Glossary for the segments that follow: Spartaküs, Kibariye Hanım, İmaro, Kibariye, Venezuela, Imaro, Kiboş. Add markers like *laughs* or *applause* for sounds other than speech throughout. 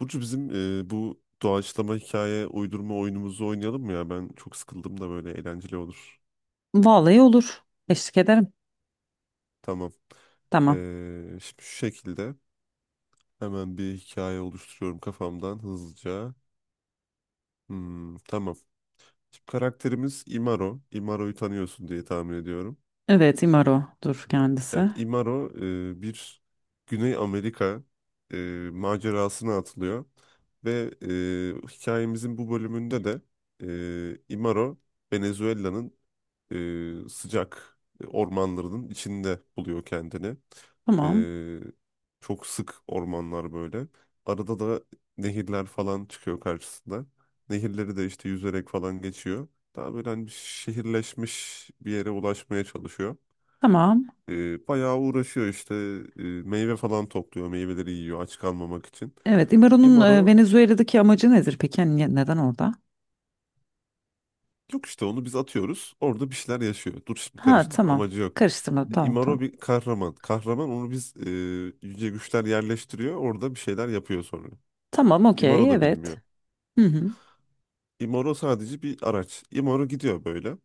Burcu bizim bu doğaçlama hikaye uydurma oyunumuzu oynayalım mı ya? Ben çok sıkıldım da böyle eğlenceli olur. Vallahi olur. Eşlik ederim. Tamam. Tamam. Şimdi şu şekilde hemen bir hikaye oluşturuyorum kafamdan hızlıca. Hmm, tamam. Şimdi karakterimiz Imaro. Imaro'yu tanıyorsun diye tahmin ediyorum. Evet, İmaro'dur kendisi. Evet, Imaro bir Güney Amerika e, macerasına atılıyor. Ve hikayemizin bu bölümünde de Imaro Venezuela'nın sıcak ormanların içinde buluyor kendini. Tamam. E, Çok sık ormanlar böyle. Arada da nehirler falan çıkıyor karşısında. Nehirleri de işte yüzerek falan geçiyor. Daha böyle hani bir şehirleşmiş bir yere ulaşmaya çalışıyor. Tamam. Bayağı uğraşıyor işte. Meyve falan topluyor, meyveleri yiyor aç kalmamak için. Evet, İmaro'nun Imaro Venezuela'daki amacı nedir peki? Hani neden orada? yok işte, onu biz atıyoruz. Orada bir şeyler yaşıyor. Dur şimdi Ha, karıştırma, tamam. amacı yok. Karıştırmadım. Tamam, Imaro tamam. bir kahraman. Kahraman onu biz yüce güçler yerleştiriyor. Orada bir şeyler yapıyor sonra. Tamam, okey. Imaro da Evet. bilmiyor. Hı hı. Imaro sadece bir araç. Imaro gidiyor böyle.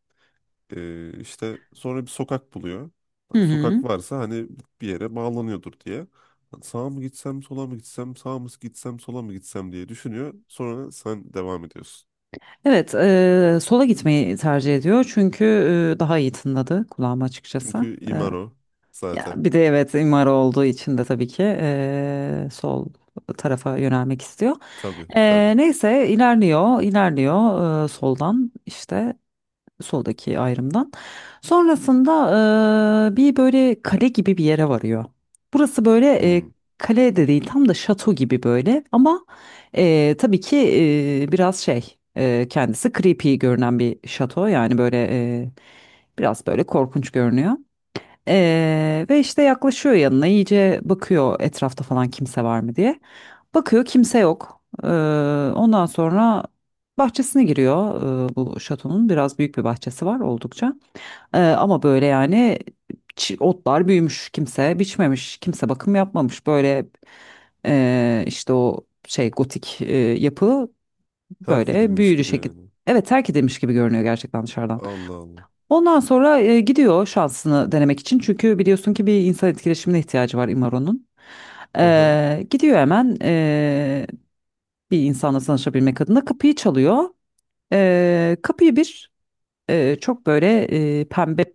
İşte sonra bir sokak buluyor. Hı hı. Sokak varsa hani bir yere bağlanıyordur diye. Sağa mı gitsem, sola mı gitsem, sağa mı gitsem, sola mı gitsem diye düşünüyor. Sonra sen devam ediyorsun. Evet, sola gitmeyi tercih ediyor çünkü daha iyi tınladı kulağıma açıkçası. Çünkü Imaro Ya zaten. bir de evet imar olduğu için de tabii ki sol tarafa yönelmek istiyor. Tabii Eee, tabii. neyse ilerliyor, ilerliyor soldan işte soldaki ayrımdan. Sonrasında bir böyle kale gibi bir yere varıyor. Burası böyle Hmm. Kale de değil tam da şato gibi böyle ama tabii ki biraz şey kendisi creepy görünen bir şato yani böyle biraz böyle korkunç görünüyor. Ve işte yaklaşıyor yanına iyice bakıyor etrafta falan kimse var mı diye. Bakıyor kimse yok. Ondan sonra bahçesine giriyor bu şatonun biraz büyük bir bahçesi var oldukça. Ama böyle yani otlar büyümüş kimse biçmemiş kimse bakım yapmamış böyle işte o şey gotik yapı Terk böyle edilmiş büyülü gibi şekilde. yani. Evet, terk edilmiş gibi görünüyor gerçekten dışarıdan. Allah Allah. Ondan sonra gidiyor şansını denemek için. Çünkü biliyorsun ki bir insan etkileşimine ihtiyacı var Imaro'nun. Aha, Gidiyor hemen bir insanla tanışabilmek adına kapıyı çalıyor. Kapıyı bir çok böyle pembe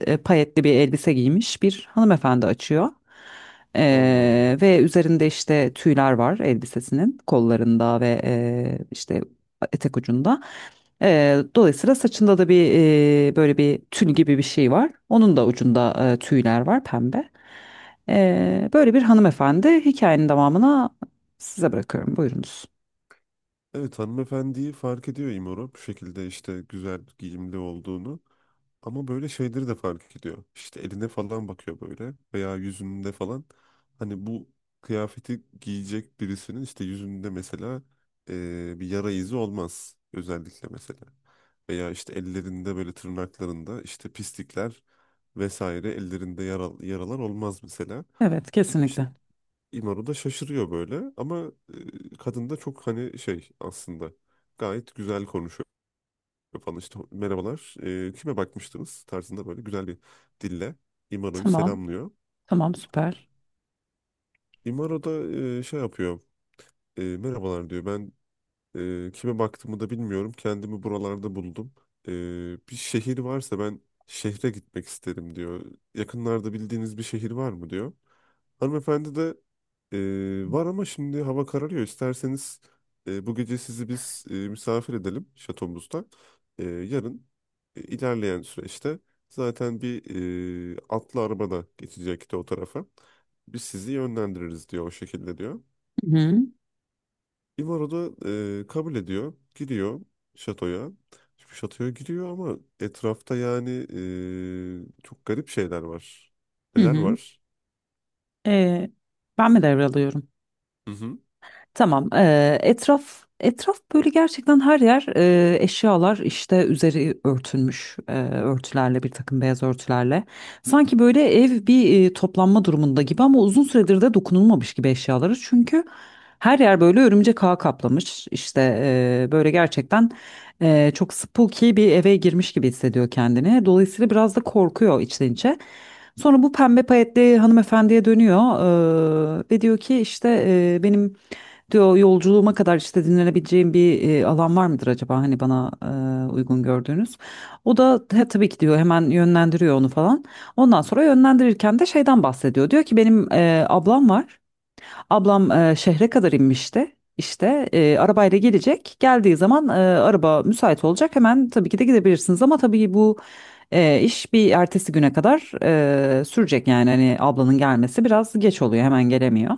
payetli bir elbise giymiş bir hanımefendi açıyor. Allah Allah. Ve üzerinde işte tüyler var elbisesinin kollarında ve işte etek ucunda. Dolayısıyla saçında da bir böyle bir tül gibi bir şey var. Onun da ucunda tüyler var pembe. Böyle bir hanımefendi, hikayenin devamına size bırakıyorum. Buyurunuz. Evet, hanımefendiyi fark ediyor İmora, bu şekilde işte güzel giyimli olduğunu. Ama böyle şeyleri de fark ediyor. İşte eline falan bakıyor böyle veya yüzünde falan. Hani bu kıyafeti giyecek birisinin işte yüzünde mesela bir yara izi olmaz özellikle mesela. Veya işte ellerinde böyle tırnaklarında işte pislikler vesaire ellerinde yaralar olmaz mesela. Evet, İşte kesinlikle. İmaro da şaşırıyor böyle ama kadın da çok, hani şey aslında, gayet güzel konuşuyor falan, işte merhabalar, kime bakmıştınız tarzında böyle güzel bir dille İmaro'yu Tamam, selamlıyor. tamam, süper. İmaro da şey yapıyor, merhabalar diyor, ben kime baktığımı da bilmiyorum, kendimi buralarda buldum. E, Bir şehir varsa ben şehre gitmek isterim diyor, yakınlarda bildiğiniz bir şehir var mı diyor. Hanımefendi de: ee, var ama şimdi hava kararıyor. İsterseniz bu gece sizi biz misafir edelim şatomuzda. Yarın ilerleyen süreçte zaten bir atlı arabada geçecekti o tarafa. Biz sizi yönlendiririz diyor, o şekilde diyor. Hı hı. İmaro da kabul ediyor. Giriyor şatoya. Şimdi şatoya giriyor ama etrafta yani çok garip şeyler var. hı Neler hı. var? Ee, ben mi devralıyorum? Hı hı. Tamam. Etraf etraf böyle gerçekten her yer eşyalar işte üzeri örtülmüş örtülerle, bir takım beyaz örtülerle. Sanki böyle ev bir toplanma durumunda gibi ama uzun süredir de dokunulmamış gibi eşyaları. Çünkü her yer böyle örümcek ağı kaplamış. İşte böyle gerçekten çok spooky bir eve girmiş gibi hissediyor kendini. Dolayısıyla biraz da korkuyor içten içe. Sonra bu pembe payetli hanımefendiye dönüyor ve diyor ki işte benim, diyor, yolculuğuma kadar işte dinlenebileceğim bir alan var mıdır acaba, hani bana uygun gördüğünüz. O da "He, tabii ki," diyor, hemen yönlendiriyor onu falan. Ondan sonra yönlendirirken de şeyden bahsediyor. Diyor ki benim ablam var. Ablam şehre kadar inmişti. İşte arabayla gelecek. Geldiği zaman araba müsait olacak. Hemen tabii ki de gidebilirsiniz ama tabii bu iş bir ertesi güne kadar sürecek, yani hani ablanın gelmesi biraz geç oluyor, hemen gelemiyor.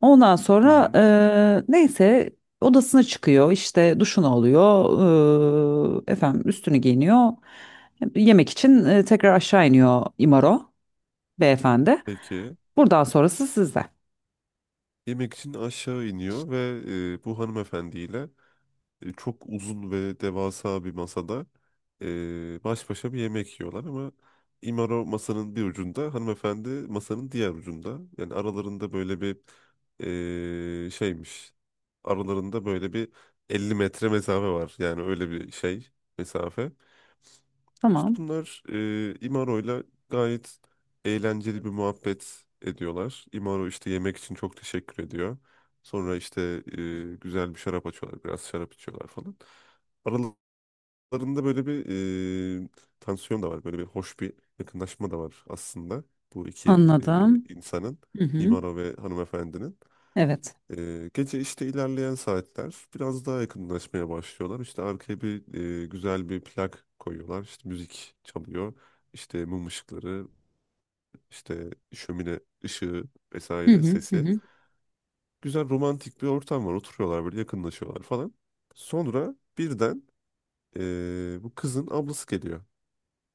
Ondan Hı sonra hı. neyse, odasına çıkıyor, işte duşunu alıyor, efendim, üstünü giyiniyor, yemek için tekrar aşağı iniyor İmaro beyefendi. Peki. Buradan sonrası sizde. Yemek için aşağı iniyor ve bu hanımefendiyle çok uzun ve devasa bir masada baş başa bir yemek yiyorlar ama İmaro masanın bir ucunda, hanımefendi masanın diğer ucunda. Yani aralarında böyle bir şeymiş. Aralarında böyle bir 50 metre mesafe var. Yani öyle bir şey mesafe. İşte Tamam, bunlar İmaro'yla gayet eğlenceli bir muhabbet ediyorlar. İmaro işte yemek için çok teşekkür ediyor. Sonra işte güzel bir şarap açıyorlar, biraz şarap içiyorlar falan. Aralarında böyle bir e, tansiyon da var, böyle bir hoş bir yakınlaşma da var aslında bu iki anladım. insanın, Hı hı. İmaro ve hanımefendinin. Evet. Gece işte ilerleyen saatler biraz daha yakınlaşmaya başlıyorlar. İşte arkaya bir güzel bir plak koyuyorlar. İşte müzik çalıyor. İşte mum ışıkları, işte şömine ışığı Hı vesaire hı hı. sesi. hı. Güzel romantik bir ortam var. Oturuyorlar böyle, yakınlaşıyorlar falan. Sonra birden bu kızın ablası geliyor.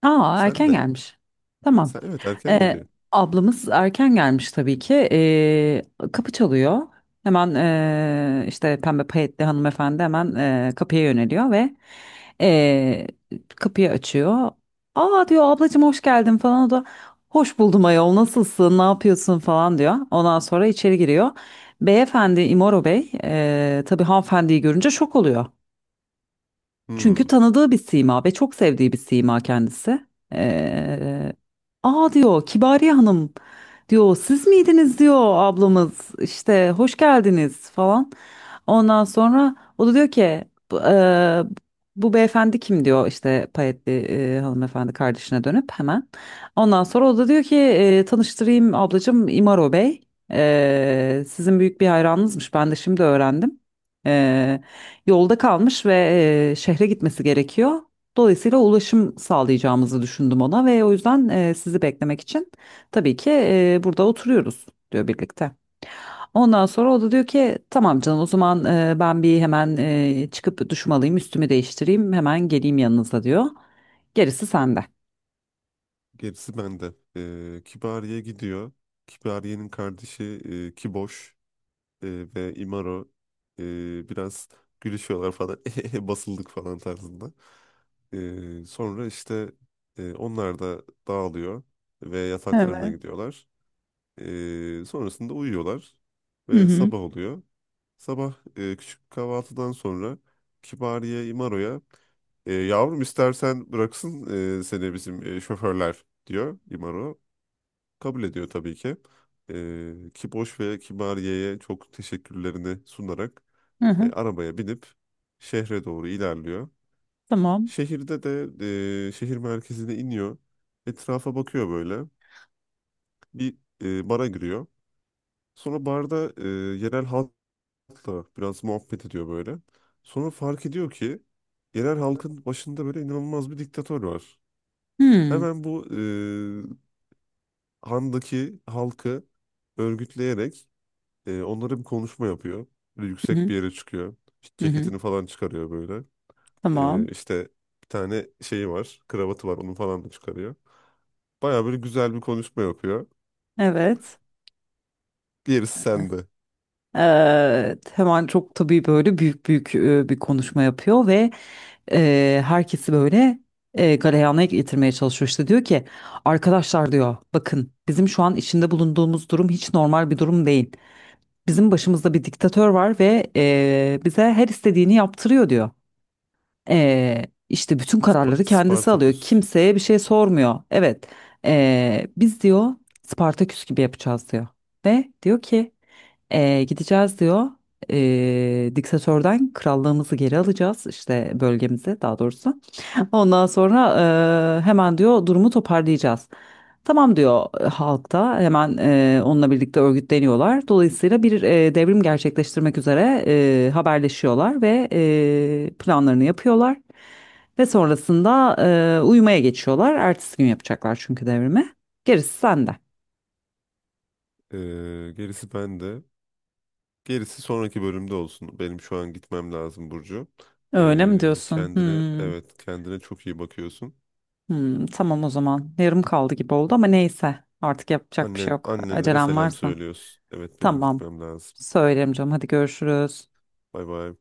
Aa, Sen erken de. gelmiş. Tamam Sen, evet, erken Ee, geliyor. ablamız erken gelmiş tabii ki. Kapı çalıyor. Hemen işte pembe payetli hanımefendi hemen kapıya yöneliyor ve ee, kapıyı açıyor. Aa, diyor, ablacığım, hoş geldin falan. O da hoş buldum ayol, nasılsın, ne yapıyorsun falan diyor. Ondan sonra içeri giriyor. Beyefendi İmoro Bey, tabii hanımefendiyi görünce şok oluyor. Çünkü Hmm, tanıdığı bir sima ve çok sevdiği bir sima kendisi. Ee, Aa, diyor, Kibariye Hanım, diyor, siz miydiniz, diyor, ablamız işte, hoş geldiniz falan. Ondan sonra o da diyor ki bu, eee, bu beyefendi kim, diyor işte payetli hanımefendi kardeşine dönüp hemen. Ondan sonra o da diyor ki tanıştırayım ablacığım, İmaro Bey. Sizin büyük bir hayranınızmış, ben de şimdi öğrendim. E, yolda kalmış ve şehre gitmesi gerekiyor. Dolayısıyla ulaşım sağlayacağımızı düşündüm ona ve o yüzden sizi beklemek için tabii ki burada oturuyoruz, diyor birlikte. Ondan sonra o da diyor ki tamam canım, o zaman ben bir hemen çıkıp duşumu alayım, üstümü değiştireyim, hemen geleyim yanınıza, diyor. Gerisi sende. gerisi bende. Kibariye gidiyor. Kibariye'nin kardeşi Kiboş. e, Ve Imaro biraz gülüşüyorlar falan *laughs* "Ehehe, basıldık falan" tarzında. Sonra işte onlar da dağılıyor ve yataklarına Evet. gidiyorlar. Sonrasında uyuyorlar Hı ve hı. sabah oluyor. Sabah küçük kahvaltıdan sonra Kibariye Imaro'ya: yavrum istersen bıraksın seni bizim şoförler diyor Imaro. Kabul ediyor tabii ki. Kiboş ve Kibariye'ye çok teşekkürlerini sunarak Hı hı. arabaya binip şehre doğru ilerliyor. Tamam. Şehirde de şehir merkezine iniyor. Etrafa bakıyor böyle. Bir bara giriyor. Sonra barda yerel halkla biraz muhabbet ediyor böyle. Sonra fark ediyor ki yerel halkın başında böyle inanılmaz bir diktatör var. Hmm. Hemen bu handaki halkı örgütleyerek onlara bir konuşma yapıyor. Böyle Hı yüksek hı. bir yere çıkıyor. İşte Hı hı. ceketini falan çıkarıyor böyle. Tamam. İşte bir tane şeyi var. Kravatı var. Onu falan da çıkarıyor. Baya böyle güzel bir konuşma yapıyor. Evet. Gerisi sende. Evet. Hemen çok tabii böyle büyük büyük bir konuşma yapıyor ve herkesi böyle galeyana getirmeye çalışıyor. İşte diyor ki arkadaşlar, diyor, bakın, bizim şu an içinde bulunduğumuz durum hiç normal bir durum değil. Bizim başımızda bir diktatör var ve bize her istediğini yaptırıyor, diyor. İşte bütün kararları kendisi alıyor, Spartaküs. kimseye bir şey sormuyor. Evet, biz, diyor, Spartaküs gibi yapacağız, diyor, ve diyor ki gideceğiz, diyor. Diktatörden krallığımızı geri alacağız işte, bölgemizi daha doğrusu. Ondan sonra hemen, diyor, durumu toparlayacağız. Tamam, diyor, halkta hemen onunla birlikte örgütleniyorlar. Dolayısıyla bir devrim gerçekleştirmek üzere haberleşiyorlar ve planlarını yapıyorlar. Ve sonrasında uyumaya geçiyorlar. Ertesi gün yapacaklar çünkü devrimi. Gerisi sende. Ee, gerisi bende. Gerisi sonraki bölümde olsun. Benim şu an gitmem lazım Burcu. Öyle mi diyorsun? kendine, Hmm, evet, kendine çok iyi bakıyorsun. hmm, tamam o zaman. Yarım kaldı gibi oldu ama neyse. Artık yapacak bir şey Annen yok. annelere Acelem selam varsa. söylüyorsun. Evet, benim Tamam. gitmem lazım. Söylerim canım. Hadi, görüşürüz. Bay bay.